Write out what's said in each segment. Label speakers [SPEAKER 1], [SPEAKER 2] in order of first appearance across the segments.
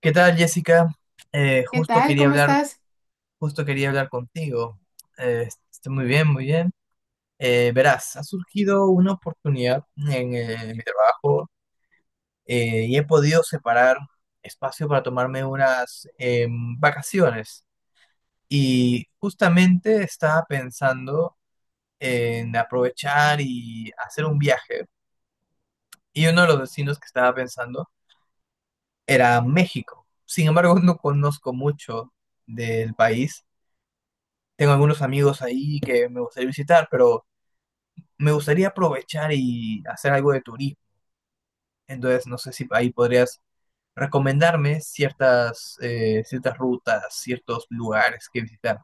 [SPEAKER 1] ¿Qué tal, Jessica?
[SPEAKER 2] ¿Qué
[SPEAKER 1] Justo
[SPEAKER 2] tal?
[SPEAKER 1] quería
[SPEAKER 2] ¿Cómo
[SPEAKER 1] hablar,
[SPEAKER 2] estás?
[SPEAKER 1] justo quería hablar contigo. Estoy muy bien, muy bien. Verás, ha surgido una oportunidad en mi trabajo y he podido separar espacio para tomarme unas vacaciones. Y justamente estaba pensando en aprovechar y hacer un viaje. Y uno de los destinos que estaba pensando era México. Sin embargo, no conozco mucho del país. Tengo algunos amigos ahí que me gustaría visitar, pero me gustaría aprovechar y hacer algo de turismo. Entonces, no sé si ahí podrías recomendarme ciertas rutas, ciertos lugares que visitar.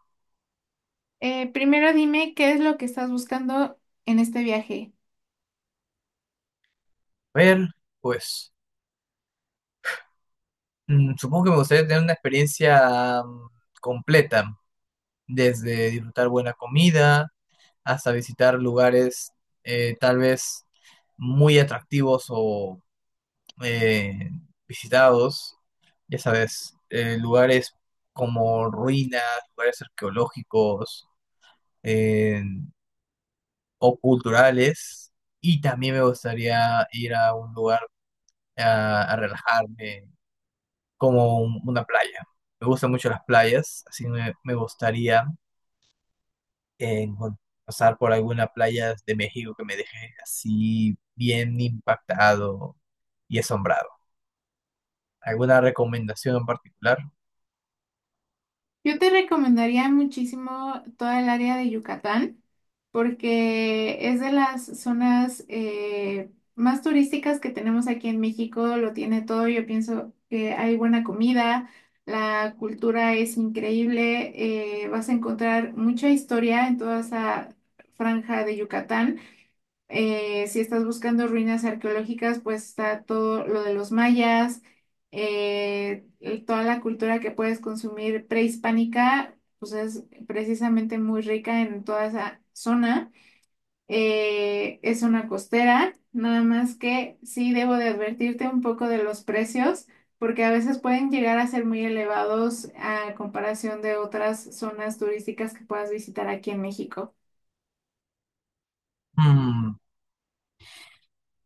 [SPEAKER 2] Primero dime qué es lo que estás buscando en este viaje.
[SPEAKER 1] A ver, pues supongo que me gustaría tener una experiencia completa, desde disfrutar buena comida hasta visitar lugares tal vez muy atractivos o eh, visitados, ya sabes, lugares como ruinas, lugares arqueológicos eh, o culturales. Y también me gustaría ir a un lugar a relajarme, como una playa. Me gustan mucho las playas, así me gustaría eh, encon- pasar por alguna playa de México que me deje así bien impactado y asombrado. ¿Alguna recomendación en particular?
[SPEAKER 2] Yo te recomendaría muchísimo toda el área de Yucatán porque es de las zonas más turísticas que tenemos aquí en México. Lo tiene todo. Yo pienso que hay buena comida, la cultura es increíble. Vas a encontrar mucha historia en toda esa franja de Yucatán. Si estás buscando ruinas arqueológicas, pues está todo lo de los mayas, y toda la cultura que puedes consumir prehispánica, pues es precisamente muy rica en toda esa zona. Es una costera, nada más que sí debo de advertirte un poco de los precios, porque a veces pueden llegar a ser muy elevados a comparación de otras zonas turísticas que puedas visitar aquí en México.
[SPEAKER 1] Mm,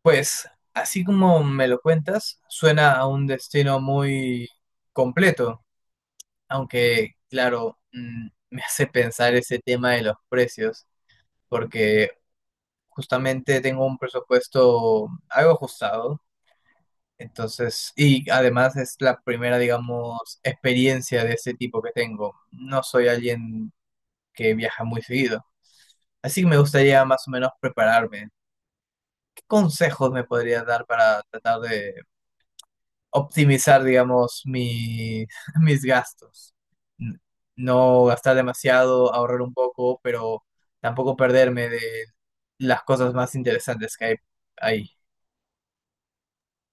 [SPEAKER 1] pues así como me lo cuentas, suena a un destino muy completo, aunque, claro, mm, me hace pensar ese tema de los precios, porque justamente tengo un presupuesto algo ajustado, entonces, y además es la primera, digamos, experiencia de ese tipo que tengo. No soy alguien que viaja muy seguido, así que me gustaría más o menos prepararme. ¿Qué consejos me podrías dar para tratar de optimizar, digamos, mis gastos? N- No gastar demasiado, ahorrar un poco, pero tampoco perderme de las cosas más interesantes que hay ahí.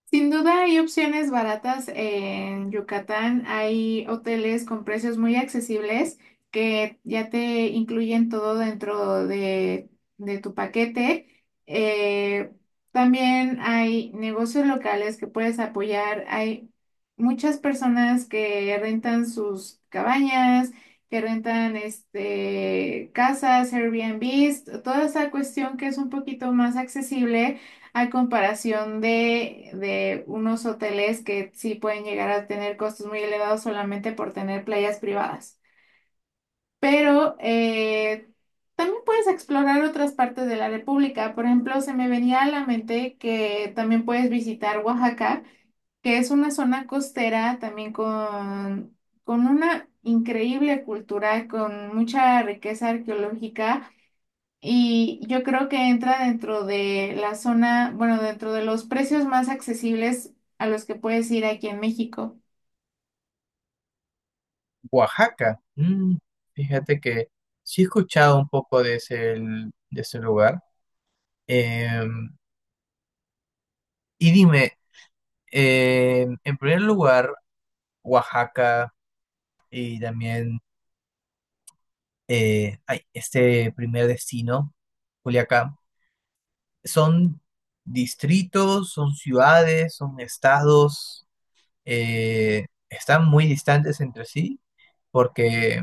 [SPEAKER 2] Sin duda hay opciones baratas en Yucatán. Hay hoteles con precios muy accesibles que ya te incluyen todo dentro de tu paquete. Eh, También hay negocios locales que puedes apoyar. Hay muchas personas que rentan sus cabañas, que rentan este, casas, Airbnbs, toda esa cuestión que es un poquito más accesible a comparación de unos hoteles que sí pueden llegar a tener costos muy elevados solamente por tener playas privadas. Pero también puedes explorar otras partes de la República. Por ejemplo, se me venía a la mente que también puedes visitar Oaxaca, que es una zona costera también con una increíble cultura, con mucha riqueza arqueológica y yo creo que entra dentro de la zona, bueno, dentro de los precios más accesibles a los que puedes ir aquí en México.
[SPEAKER 1] Oaxaca. Mm, fíjate que sí he escuchado un poco de de ese lugar. Em, y dime, en primer lugar, Oaxaca y también ay, este primer destino, Culiacán. Son distritos, son ciudades, son estados, están muy distantes entre sí porque,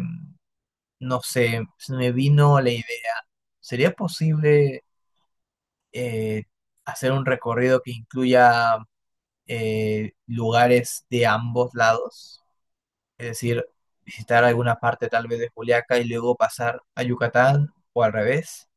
[SPEAKER 1] no sé, se me vino la idea. ¿Sería posible eh, hacer un recorrido que incluya lugares de ambos lados? Es decir, visitar alguna parte tal vez de Juliaca y luego pasar a Yucatán o al revés.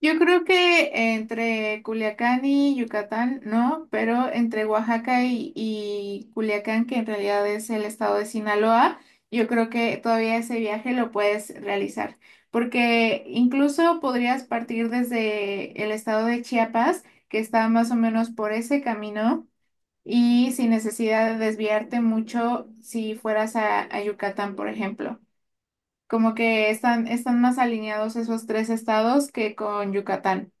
[SPEAKER 2] Yo creo que entre Culiacán y Yucatán, no, pero entre Oaxaca y Culiacán, que en realidad es el estado de Sinaloa, yo creo que todavía ese viaje lo puedes realizar, porque incluso podrías partir desde el estado de Chiapas, que está más o menos por ese camino y sin necesidad de desviarte mucho si fueras a Yucatán, por ejemplo. Como que están, están más alineados esos tres estados que con Yucatán.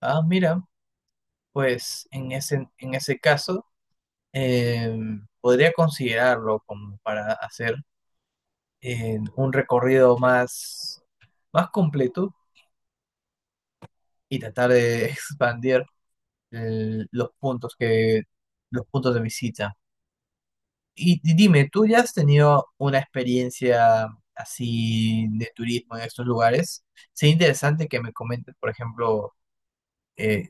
[SPEAKER 1] Ah, mira, pues en en ese caso eh, podría considerarlo como para hacer un recorrido más completo y tratar de expandir los puntos los puntos de visita. Y dime, ¿tú ya has tenido una experiencia así de turismo en estos lugares? Sería interesante que me comentes, por ejemplo, eh,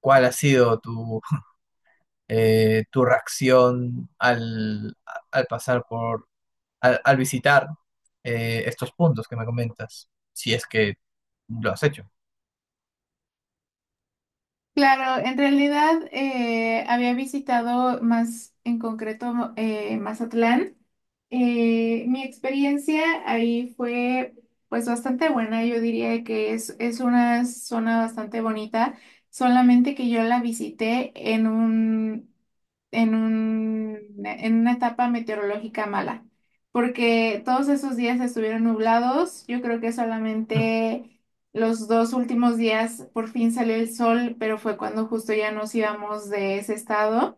[SPEAKER 1] cuál ha sido tu, tu reacción al, a- al pasar por al, al visitar estos puntos que me comentas, si es que lo has hecho.
[SPEAKER 2] Claro, en realidad había visitado más en concreto Mazatlán. Mi experiencia ahí fue pues bastante buena. Yo diría que es una zona bastante bonita, solamente que yo la visité en un en una etapa meteorológica mala, porque todos esos días estuvieron nublados. Yo creo que
[SPEAKER 1] Mm.
[SPEAKER 2] solamente los dos últimos días por fin salió el sol, pero fue cuando justo ya nos íbamos de ese estado.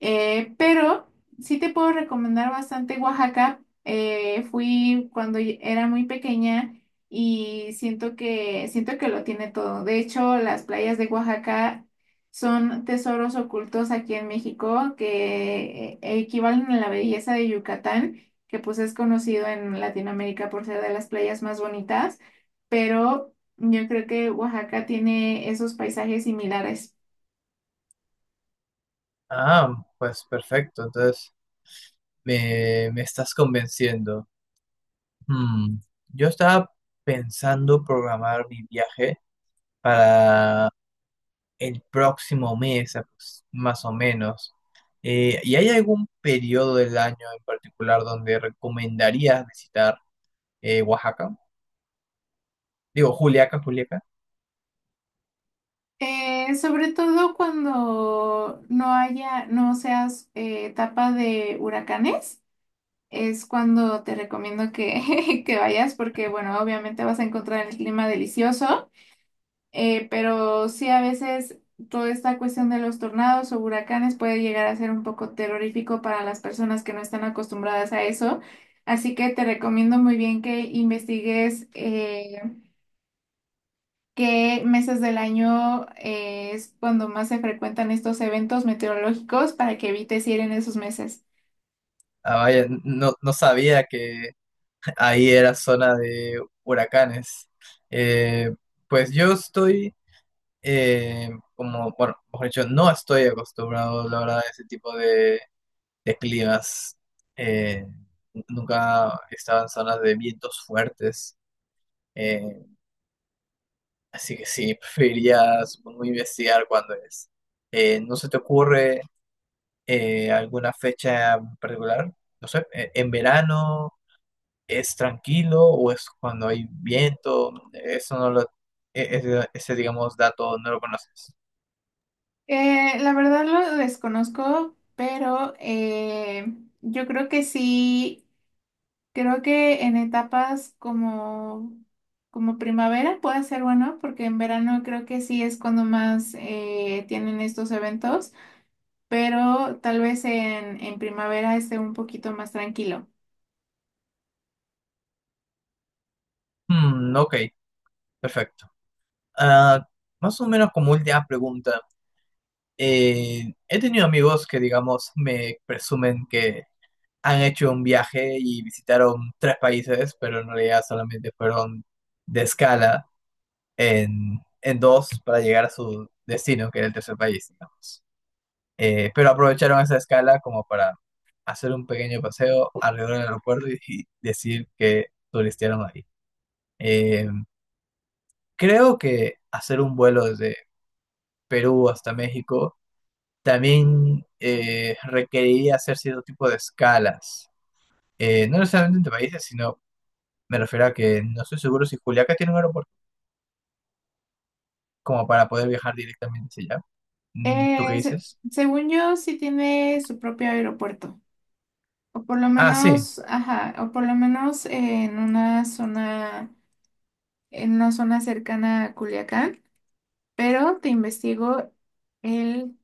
[SPEAKER 2] Pero sí te puedo recomendar bastante Oaxaca. Fui cuando era muy pequeña y siento que lo tiene todo. De hecho, las playas de Oaxaca son tesoros ocultos aquí en México que equivalen a la belleza de Yucatán, que pues es conocido en Latinoamérica por ser de las playas más bonitas, pero yo creo que Oaxaca tiene esos paisajes similares.
[SPEAKER 1] Ah, pues perfecto, entonces me estás convenciendo. Mm, yo estaba pensando programar mi viaje para el próximo mes, más o menos. ¿Y hay algún periodo del año en particular donde recomendarías visitar Oaxaca? Digo, Juliaca, Juliaca.
[SPEAKER 2] Sobre todo cuando no haya, no seas etapa de huracanes, es cuando te recomiendo que, que vayas porque, bueno, obviamente vas a encontrar el clima delicioso, pero sí a veces toda esta cuestión de los tornados o huracanes puede llegar a ser un poco terrorífico para las personas que no están acostumbradas a eso. Así que te recomiendo muy bien que investigues. ¿Qué meses del año es cuando más se frecuentan estos eventos meteorológicos para que evites ir en esos meses?
[SPEAKER 1] Ah, vaya, no, no sabía que ahí era zona de huracanes. Eh, pues yo estoy, como, bueno, mejor dicho, no estoy acostumbrado, la verdad, a ese tipo de climas. Eh, Nunca he estado en zonas de vientos fuertes, eh, así que sí, preferiría, supongo, investigar cuándo es. ¿No se te ocurre alguna fecha en particular? No sé, en verano, ¿es tranquilo o es cuando hay viento? Eso no ese, digamos, dato no lo conoces.
[SPEAKER 2] La verdad lo desconozco, pero yo creo que sí, creo que en etapas como, como primavera puede ser bueno, porque en verano creo que sí es cuando más tienen estos eventos, pero tal vez en primavera esté un poquito más tranquilo.
[SPEAKER 1] Hmm, ok, perfecto. Ah, más o menos como última pregunta. Eh, he tenido amigos que, digamos, me presumen que han hecho un viaje y visitaron tres países, pero en realidad solamente fueron de escala en dos para llegar a su destino, que era el tercer país, digamos. Pero aprovecharon esa escala como para hacer un pequeño paseo alrededor del aeropuerto y decir que turistearon ahí. Eh, creo que hacer un vuelo desde Perú hasta México también requeriría hacer cierto tipo de escalas. No necesariamente entre países, sino me refiero a que no estoy seguro si Juliaca tiene un aeropuerto como para poder viajar directamente hacia allá. Mm, ¿tú qué
[SPEAKER 2] Eh, se-
[SPEAKER 1] dices?
[SPEAKER 2] Según yo, sí tiene su propio aeropuerto, o por lo
[SPEAKER 1] Ah, sí.
[SPEAKER 2] menos, ajá, o por lo menos en una zona cercana a Culiacán, pero te investigo, él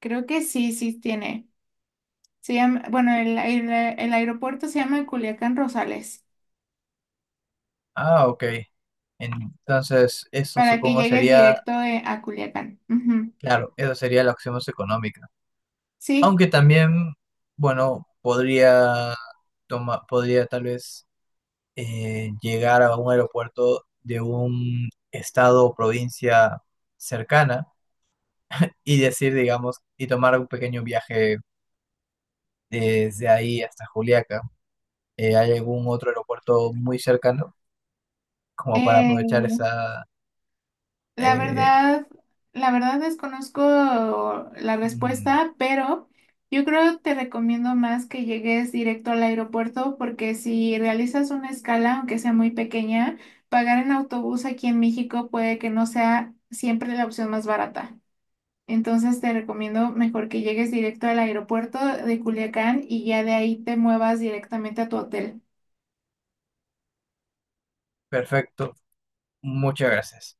[SPEAKER 2] creo que sí, sí tiene. Se llama, bueno, el aeropuerto se llama Culiacán Rosales,
[SPEAKER 1] Ah, ok. Entonces, eso
[SPEAKER 2] para que
[SPEAKER 1] supongo
[SPEAKER 2] llegues
[SPEAKER 1] sería...
[SPEAKER 2] directo a Culiacán. Ujú.
[SPEAKER 1] Claro, eso sería la opción más económica.
[SPEAKER 2] Sí,
[SPEAKER 1] Aunque también, bueno, podría toma, podría tal vez llegar a un aeropuerto de un estado o provincia cercana y decir, digamos, y tomar un pequeño viaje desde ahí hasta Juliaca. ¿Hay algún otro aeropuerto muy cercano como para
[SPEAKER 2] eh,
[SPEAKER 1] aprovechar esa...
[SPEAKER 2] La
[SPEAKER 1] eh,
[SPEAKER 2] verdad, la verdad desconozco la
[SPEAKER 1] mm,
[SPEAKER 2] respuesta, pero yo creo te recomiendo más que llegues directo al aeropuerto porque si realizas una escala, aunque sea muy pequeña, pagar en autobús aquí en México puede que no sea siempre la opción más barata. Entonces te recomiendo mejor que llegues directo al aeropuerto de Culiacán y ya de ahí te muevas directamente a tu hotel.
[SPEAKER 1] perfecto, muchas gracias.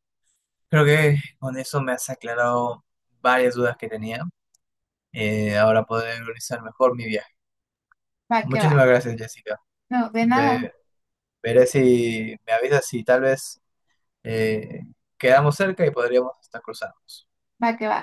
[SPEAKER 1] Creo que con eso me has aclarado varias dudas que tenía. Eh, ahora poder organizar mejor mi viaje.
[SPEAKER 2] Va que va.
[SPEAKER 1] Muchísimas gracias, Jessica.
[SPEAKER 2] No, de nada,
[SPEAKER 1] Ve- Veré si me avisas si tal vez eh, quedamos cerca y podríamos hasta cruzarnos.
[SPEAKER 2] va que va.